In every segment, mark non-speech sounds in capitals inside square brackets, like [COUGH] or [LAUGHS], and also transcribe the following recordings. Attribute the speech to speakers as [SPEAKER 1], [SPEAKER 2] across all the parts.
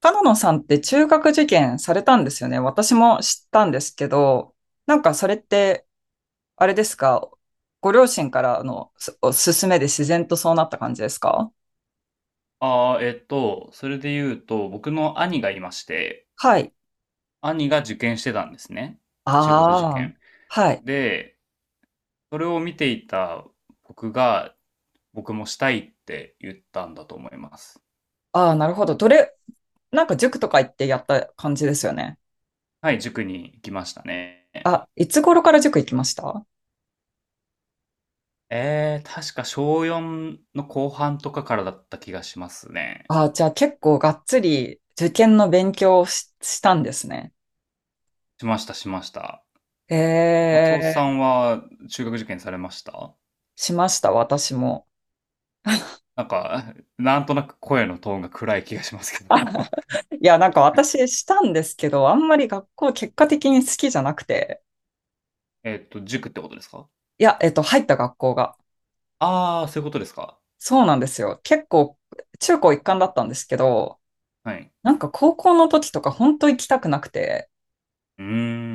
[SPEAKER 1] 角野さんって中学受験されたんですよね。私も知ったんですけど、なんかそれって、あれですか、ご両親からのお勧めで自然とそうなった感じですか？
[SPEAKER 2] ああ、それで言うと、僕の兄がいまして、
[SPEAKER 1] はい。
[SPEAKER 2] 兄が受験してたんですね。中学受
[SPEAKER 1] ああ、
[SPEAKER 2] 験。
[SPEAKER 1] はい。
[SPEAKER 2] で、それを見ていた僕が、僕もしたいって言ったんだと思います。
[SPEAKER 1] ああ、なるほど。なんか塾とか行ってやった感じですよね。
[SPEAKER 2] はい、塾に行きましたね。
[SPEAKER 1] あ、いつ頃から塾行きました？
[SPEAKER 2] 確か小4の後半とかからだった気がしますね。
[SPEAKER 1] ああ、じゃあ結構がっつり受験の勉強をしたんですね。
[SPEAKER 2] しました、しました。
[SPEAKER 1] え
[SPEAKER 2] 松尾さ
[SPEAKER 1] え、
[SPEAKER 2] んは中学受験されました？
[SPEAKER 1] しました、私も。
[SPEAKER 2] なんか、なんとなく声のトーンが暗い気がしますけど。
[SPEAKER 1] いや、なんか私したんですけど、あんまり学校結果的に好きじゃなくて、
[SPEAKER 2] [LAUGHS] 塾ってことですか？
[SPEAKER 1] いや、入った学校が。
[SPEAKER 2] ああ、そういうことですか。
[SPEAKER 1] そうなんですよ。結構、中高一貫だったんですけど、
[SPEAKER 2] はい。
[SPEAKER 1] なんか高校の時とか本当行きたくなくて、
[SPEAKER 2] うー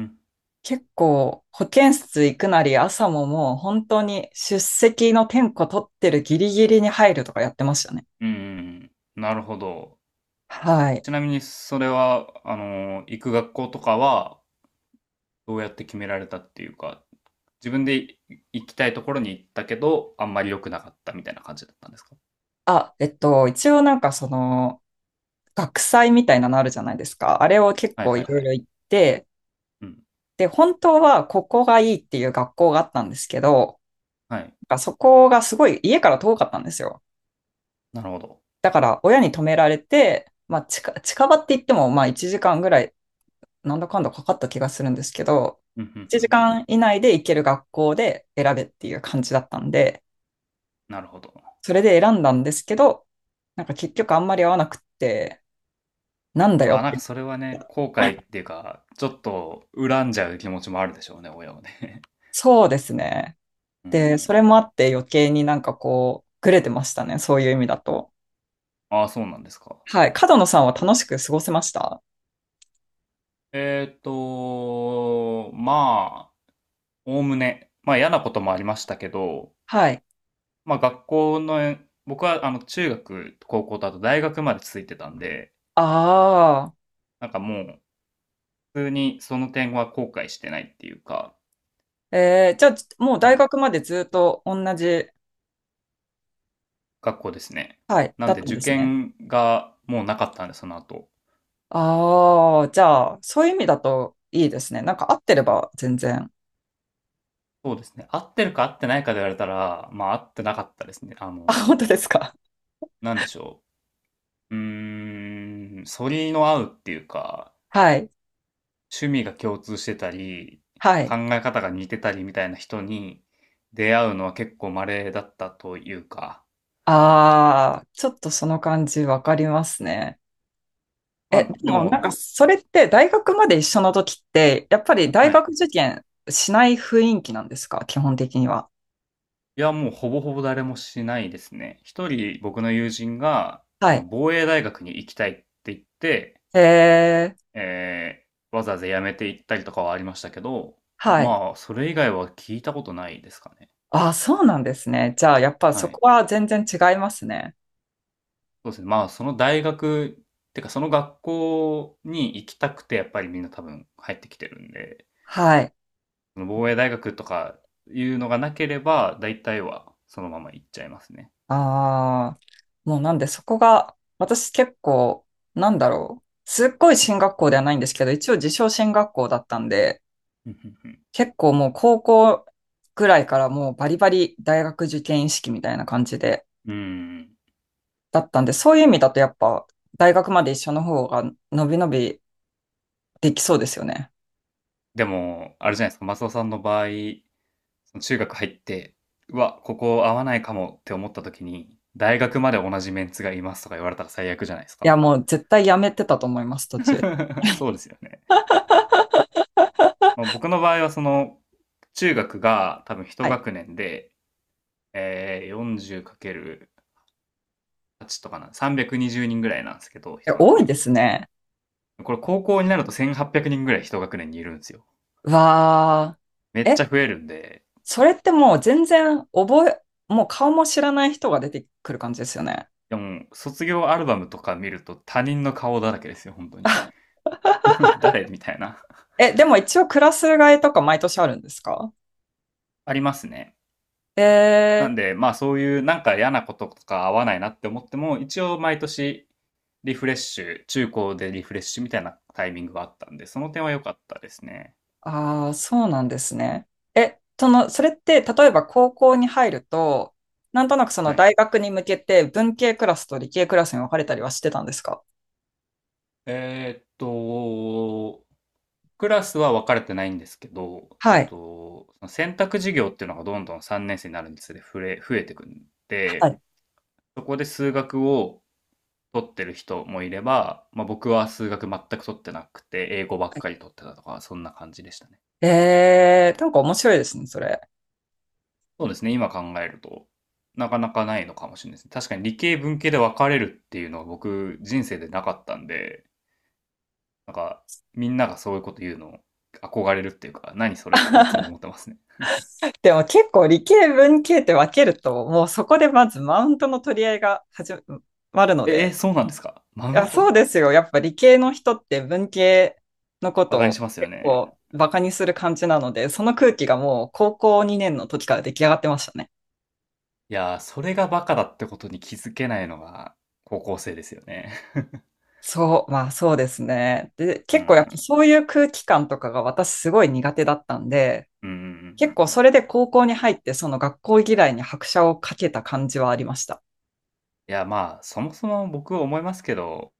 [SPEAKER 2] ん。
[SPEAKER 1] 結構保健室行くなり朝ももう本当に出席の点呼取ってるギリギリに入るとかやってましたね。
[SPEAKER 2] うんうんうん。なるほど。
[SPEAKER 1] はい。
[SPEAKER 2] ちなみにそれは、行く学校とかは、どうやって決められたっていうか、自分で行きたいところに行ったけど、あんまり良くなかったみたいな感じだったんですか？
[SPEAKER 1] あ、一応なんかその学祭みたいなのあるじゃないですか。あれを結
[SPEAKER 2] はい
[SPEAKER 1] 構
[SPEAKER 2] は
[SPEAKER 1] い
[SPEAKER 2] い
[SPEAKER 1] ろ
[SPEAKER 2] は
[SPEAKER 1] いろ
[SPEAKER 2] い。
[SPEAKER 1] 行って、
[SPEAKER 2] うん。
[SPEAKER 1] で、本当はここがいいっていう学校があったんですけど、
[SPEAKER 2] はい。
[SPEAKER 1] そこがすごい家から遠かったんですよ。
[SPEAKER 2] なるほど。
[SPEAKER 1] だから親に止められて、まあ近場って言ってもまあ1時間ぐらいなんだかんだかかった気がするんですけど、
[SPEAKER 2] うん、うん
[SPEAKER 1] 1
[SPEAKER 2] うん。
[SPEAKER 1] 時間以内で行ける学校で選べっていう感じだったんで、
[SPEAKER 2] なるほど。
[SPEAKER 1] それで選んだんですけど、なんか結局あんまり合わなくって、なんだよ
[SPEAKER 2] わあ、
[SPEAKER 1] っ
[SPEAKER 2] なん
[SPEAKER 1] て
[SPEAKER 2] かそれは
[SPEAKER 1] 言っ
[SPEAKER 2] ね、
[SPEAKER 1] た。
[SPEAKER 2] 後悔っていうか、ちょっと恨んじゃう気持ちもあるでしょうね、親はね。
[SPEAKER 1] そうですね。
[SPEAKER 2] [LAUGHS] うー
[SPEAKER 1] で、そ
[SPEAKER 2] ん。
[SPEAKER 1] れもあって余計になんかこう、ぐれてましたね。そういう意味だと。
[SPEAKER 2] ああ、そうなんですか。
[SPEAKER 1] はい。角野さんは楽しく過ごせました？
[SPEAKER 2] まあおおむね、まあ嫌なこともありましたけど、
[SPEAKER 1] はい。
[SPEAKER 2] まあ学校の、僕はあの中学、高校とあと大学まで続いてたんで、
[SPEAKER 1] あ
[SPEAKER 2] なんかもう普通にその点は後悔してないっていうか、
[SPEAKER 1] あ。じゃあ、もう
[SPEAKER 2] は
[SPEAKER 1] 大
[SPEAKER 2] い、
[SPEAKER 1] 学までずっと同じ、
[SPEAKER 2] 学校ですね。
[SPEAKER 1] はい、
[SPEAKER 2] な
[SPEAKER 1] だ
[SPEAKER 2] ん
[SPEAKER 1] っ
[SPEAKER 2] で
[SPEAKER 1] たん
[SPEAKER 2] 受
[SPEAKER 1] ですね。
[SPEAKER 2] 験がもうなかったんで、その後。
[SPEAKER 1] ああ、じゃあ、そういう意味だといいですね。なんか合ってれば全然。
[SPEAKER 2] そうですね。合ってるか合ってないかで言われたら、まあ合ってなかったですね。
[SPEAKER 1] あ、本当ですか。
[SPEAKER 2] なんでしょう。うーん、反りの合うっていうか、
[SPEAKER 1] はい。
[SPEAKER 2] 趣味が共通してたり、
[SPEAKER 1] は
[SPEAKER 2] 考
[SPEAKER 1] い。
[SPEAKER 2] え方が似てたりみたいな人に出会うのは結構稀だったというか、
[SPEAKER 1] ああ、ちょっとその感じわかりますね。
[SPEAKER 2] ま
[SPEAKER 1] え、で
[SPEAKER 2] あで
[SPEAKER 1] もなん
[SPEAKER 2] も、
[SPEAKER 1] かそれって大学まで一緒の時って、やっぱり大
[SPEAKER 2] はい。
[SPEAKER 1] 学受験しない雰囲気なんですか？基本的には。
[SPEAKER 2] いや、もうほぼほぼ誰もしないですね。一人僕の友人が、
[SPEAKER 1] はい。
[SPEAKER 2] 防衛大学に行きたいって言って、
[SPEAKER 1] えー、
[SPEAKER 2] えわざわざ辞めて行ったりとかはありましたけど、
[SPEAKER 1] はい。
[SPEAKER 2] まあ、それ以外は聞いたことないですかね。
[SPEAKER 1] あ、そうなんですね。じゃあ、やっぱ
[SPEAKER 2] は
[SPEAKER 1] そ
[SPEAKER 2] い。
[SPEAKER 1] こは全然違いますね。
[SPEAKER 2] そうですね。まあ、その大学、てかその学校に行きたくて、やっぱりみんな多分入ってきてるんで、
[SPEAKER 1] はい。
[SPEAKER 2] その防衛大学とかいうのがなければ、大体はそのまま行っちゃいますね。
[SPEAKER 1] ああ、もうなんでそこが、私結構、なんだろう。すっごい進学校ではないんですけど、一応自称進学校だったんで、
[SPEAKER 2] [LAUGHS] うんうんうん。
[SPEAKER 1] 結構もう高校ぐらいからもうバリバリ大学受験意識みたいな感じで、だったんで、そういう意味だとやっぱ大学まで一緒の方が伸び伸びできそうですよね。
[SPEAKER 2] でも、あれじゃないですか、マスオさんの場合、その中学入って、うわ、ここ合わないかもって思った時に、大学まで同じメンツがいますとか言われたら最悪じゃないです
[SPEAKER 1] い
[SPEAKER 2] か。
[SPEAKER 1] や、もう絶対やめてたと思います、途中。
[SPEAKER 2] [LAUGHS] そうですよね。まあ、僕の場合はその、中学が多分一
[SPEAKER 1] はい。
[SPEAKER 2] 学年で、えー、40×8 とかな、320人ぐらいなんですけど、
[SPEAKER 1] え、
[SPEAKER 2] 一
[SPEAKER 1] 多
[SPEAKER 2] 学
[SPEAKER 1] い
[SPEAKER 2] 年。
[SPEAKER 1] ですね。
[SPEAKER 2] これ高校になると1800人ぐらい一学年にいるんですよ。
[SPEAKER 1] わあ。
[SPEAKER 2] めっちゃ
[SPEAKER 1] え、
[SPEAKER 2] 増えるんで、
[SPEAKER 1] それってもう全然もう顔も知らない人が出てくる感じですよね。
[SPEAKER 2] でも卒業アルバムとか見ると他人の顔だらけですよ、本当に。
[SPEAKER 1] あ
[SPEAKER 2] [LAUGHS] 誰みたいな。[LAUGHS]
[SPEAKER 1] え、でも一応クラス替えとか毎年あるんですか？
[SPEAKER 2] ありますね。
[SPEAKER 1] え
[SPEAKER 2] なん
[SPEAKER 1] ー、
[SPEAKER 2] で、まあそういうなんか嫌なこととか合わないなって思っても、一応毎年リフレッシュ、中高でリフレッシュみたいなタイミングがあったんで、その点は良かったですね。
[SPEAKER 1] ああ、そうなんですね。え、その、それって例えば高校に入ると、なんとなくその
[SPEAKER 2] はい。
[SPEAKER 1] 大学に向けて文系クラスと理系クラスに分かれたりはしてたんですか？
[SPEAKER 2] えーっと、クラスは分かれてないんですけど、
[SPEAKER 1] はい。
[SPEAKER 2] その選択授業っていうのがどんどん3年生になるにつれ増えてくん
[SPEAKER 1] は
[SPEAKER 2] で、
[SPEAKER 1] い。
[SPEAKER 2] そこで数学を取ってる人もいれば、まあ、僕は数学全く取ってなくて、英語ばっかり取ってたとか、そんな感じでしたね。
[SPEAKER 1] なんか面白いですね、それ。
[SPEAKER 2] そうですね、今考えると、なかなかないのかもしれないですね。確かに理系、文系で分かれるっていうのは僕、人生でなかったんで、なんか、みんながそういうこと言うの憧れるっていうか、何それっていつも思ってますね。
[SPEAKER 1] でも結構理系文系って分けると、もうそこでまずマウントの取り合いが始まるので、
[SPEAKER 2] そうなんですか、マ
[SPEAKER 1] い
[SPEAKER 2] ウ
[SPEAKER 1] や、
[SPEAKER 2] ン
[SPEAKER 1] そ
[SPEAKER 2] ト？
[SPEAKER 1] うですよ。やっぱ理系の人って文系のこ
[SPEAKER 2] バカ
[SPEAKER 1] と
[SPEAKER 2] に
[SPEAKER 1] を
[SPEAKER 2] しますよ
[SPEAKER 1] 結
[SPEAKER 2] ね。
[SPEAKER 1] 構バカにする感じなので、その空気がもう高校2年の時から出来上がってましたね。
[SPEAKER 2] いやー、それがバカだってことに気づけないのが高校生ですよね。
[SPEAKER 1] そう、まあそうですね。で、
[SPEAKER 2] [LAUGHS] う
[SPEAKER 1] 結構やっぱ
[SPEAKER 2] ん。
[SPEAKER 1] そういう空気感とかが私すごい苦手だったんで、
[SPEAKER 2] うんうんう
[SPEAKER 1] 結
[SPEAKER 2] ん。
[SPEAKER 1] 構それで高校に入ってその学校嫌いに拍車をかけた感じはありました。
[SPEAKER 2] いや、まあ、そもそも僕は思いますけど、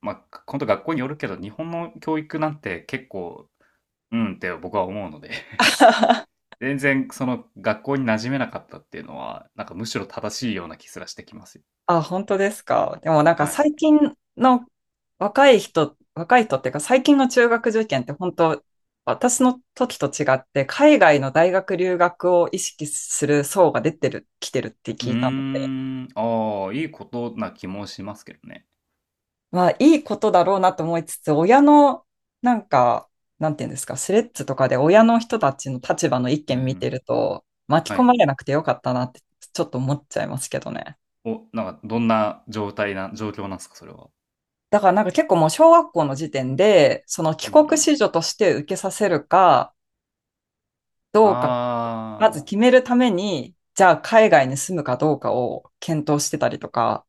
[SPEAKER 2] まあ、本当学校によるけど、日本の教育なんて結構、うんって僕は思うので、[LAUGHS]
[SPEAKER 1] [LAUGHS]
[SPEAKER 2] 全然その学校に馴染めなかったっていうのは、なんかむしろ正しいような気すらしてきますよ。
[SPEAKER 1] あ、本当ですか。でもなんか
[SPEAKER 2] は
[SPEAKER 1] 最
[SPEAKER 2] い。
[SPEAKER 1] 近の若い人、若い人っていうか最近の中学受験って本当、私の時と違って海外の大学留学を意識する層が出てる、来てるって
[SPEAKER 2] う
[SPEAKER 1] 聞
[SPEAKER 2] ー
[SPEAKER 1] いたので、
[SPEAKER 2] ん、ああ、いいことな気もしますけどね。
[SPEAKER 1] まあいいことだろうなと思いつつ、親のなんか、なんていうんですか、スレッズとかで親の人たちの立場の意
[SPEAKER 2] うん
[SPEAKER 1] 見
[SPEAKER 2] う
[SPEAKER 1] 見て
[SPEAKER 2] ん。
[SPEAKER 1] ると巻き
[SPEAKER 2] は
[SPEAKER 1] 込ま
[SPEAKER 2] い。
[SPEAKER 1] れなくてよかったなってちょっと思っちゃいますけどね。
[SPEAKER 2] お、なんかどんな状態な状況なんですか？それは。
[SPEAKER 1] だからなんか結構もう小学校の時点で、その帰
[SPEAKER 2] うんう
[SPEAKER 1] 国
[SPEAKER 2] ん。
[SPEAKER 1] 子女として受けさせるかどうか、ま
[SPEAKER 2] あ
[SPEAKER 1] ず
[SPEAKER 2] あ、
[SPEAKER 1] 決めるために、じゃあ海外に住むかどうかを検討してたりとか、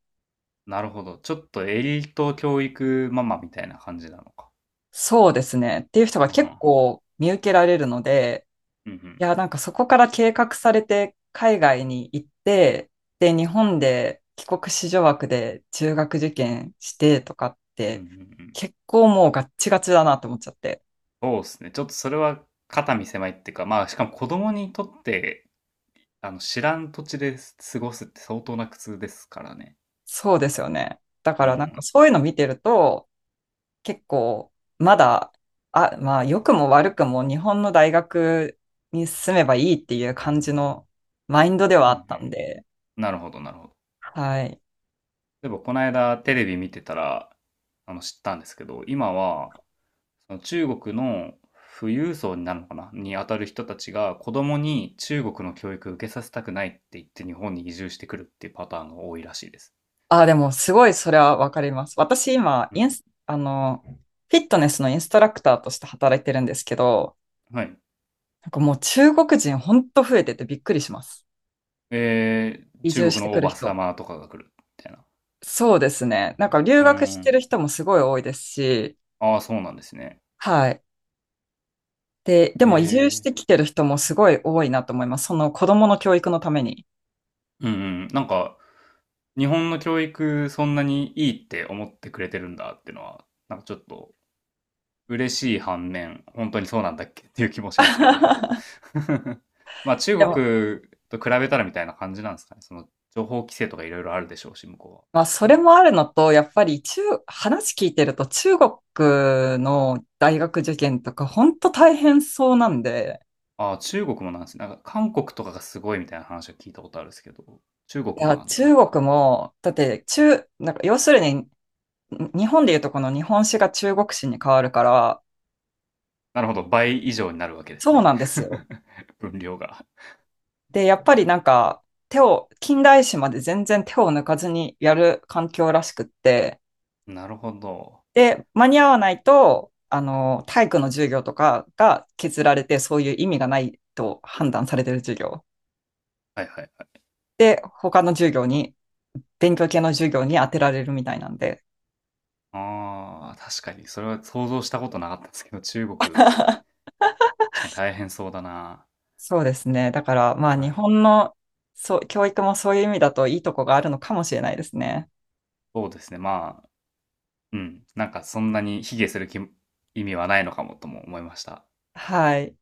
[SPEAKER 2] なるほど。ちょっとエリート教育ママみたいな感じなのか。
[SPEAKER 1] そうですね。っていう人が
[SPEAKER 2] は
[SPEAKER 1] 結
[SPEAKER 2] ん。
[SPEAKER 1] 構見受けられるので、
[SPEAKER 2] うんうん。うんう
[SPEAKER 1] い
[SPEAKER 2] ん。
[SPEAKER 1] や、なんかそこから計画されて海外に行って、で、日本で帰国子女枠で中学受験してとかっ
[SPEAKER 2] うんう
[SPEAKER 1] て、
[SPEAKER 2] んうん。
[SPEAKER 1] 結構もうガッチガチだなと思っちゃって。
[SPEAKER 2] そうですね。ちょっとそれは肩身狭いっていうか、まあ、しかも子供にとって、知らん土地で過ごすって相当な苦痛ですからね。
[SPEAKER 1] そうですよね。だ
[SPEAKER 2] う
[SPEAKER 1] からなんか
[SPEAKER 2] ん。
[SPEAKER 1] そういうの見てると、結構、まだ、あ、まあ、良くも悪くも日本の大学に進めばいいっていう感じのマインドでは
[SPEAKER 2] う
[SPEAKER 1] あ
[SPEAKER 2] んう
[SPEAKER 1] ったん
[SPEAKER 2] ん。
[SPEAKER 1] で、
[SPEAKER 2] なるほどなるほど。
[SPEAKER 1] はい。
[SPEAKER 2] 例えばこの間テレビ見てたら、知ったんですけど、今は、その中国の富裕層になるのかなに当たる人たちが子供に中国の教育を受けさせたくないって言って日本に移住してくるっていうパターンが多いらしいです。
[SPEAKER 1] あ、でも、すごいそれはわかります。私、今、
[SPEAKER 2] う
[SPEAKER 1] イン
[SPEAKER 2] ん。
[SPEAKER 1] ス、フィットネスのインストラクターとして働いてるんですけど、
[SPEAKER 2] はい。
[SPEAKER 1] なんかもう中国人ほんと増えててびっくりします。移住
[SPEAKER 2] 中
[SPEAKER 1] し
[SPEAKER 2] 国
[SPEAKER 1] て
[SPEAKER 2] の
[SPEAKER 1] く
[SPEAKER 2] お
[SPEAKER 1] る
[SPEAKER 2] ばさ
[SPEAKER 1] 人。
[SPEAKER 2] まとかが来るみたいな。
[SPEAKER 1] そうですね。なんか留
[SPEAKER 2] うー
[SPEAKER 1] 学して
[SPEAKER 2] ん。
[SPEAKER 1] る人もすごい多いですし、
[SPEAKER 2] ああ、そうなんですね。
[SPEAKER 1] はい。で、で
[SPEAKER 2] え
[SPEAKER 1] も移住し
[SPEAKER 2] ー。
[SPEAKER 1] てきてる人もすごい多いなと思います。その子供の教育のために。
[SPEAKER 2] うんうん。なんか、日本の教育そんなにいいって思ってくれてるんだっていうのは、なんかちょっと嬉しい反面、本当にそうなんだっけっていう気もしますけど。
[SPEAKER 1] [LAUGHS]
[SPEAKER 2] [LAUGHS] まあ
[SPEAKER 1] で
[SPEAKER 2] 中
[SPEAKER 1] も、
[SPEAKER 2] 国と比べたらみたいな感じなんですかね。その情報規制とかいろいろあるでしょうし、向こ
[SPEAKER 1] まあ、それもあるのと、やっぱり話聞いてると中国の大学受験とか、本当大変そうなんで、
[SPEAKER 2] うは。ああ、中国もなんですね。なんか韓国とかがすごいみたいな話を聞いたことあるんですけど、中国
[SPEAKER 1] い
[SPEAKER 2] も
[SPEAKER 1] や、
[SPEAKER 2] なん
[SPEAKER 1] 中
[SPEAKER 2] だ。
[SPEAKER 1] 国も、だってなんか要するに、日本でいうとこの日本史が中国史に変わるから、
[SPEAKER 2] なるほど。倍以上になるわけです
[SPEAKER 1] そう
[SPEAKER 2] ね。
[SPEAKER 1] なんですよ。
[SPEAKER 2] [LAUGHS] 分量が。
[SPEAKER 1] で、やっぱりなんか、近代史まで全然手を抜かずにやる環境らしくって、
[SPEAKER 2] なるほど。
[SPEAKER 1] で、間に合わないと、体育の授業とかが削られて、そういう意味がないと判断されてる授業。
[SPEAKER 2] はいはいはい。
[SPEAKER 1] で、他の授業に、勉強系の授業に当てられるみたいなんで。
[SPEAKER 2] ああ、確かに。それは想像したことなかったんですけど、中国、確かに大変そうだな。
[SPEAKER 1] そうですね。だから、まあ、
[SPEAKER 2] は
[SPEAKER 1] 日
[SPEAKER 2] い。
[SPEAKER 1] 本の、そう、教育もそういう意味だといいとこがあるのかもしれないですね。
[SPEAKER 2] そうですね。まあ、うん、なんかそんなに卑下する意味はないのかもとも思いました。
[SPEAKER 1] はい。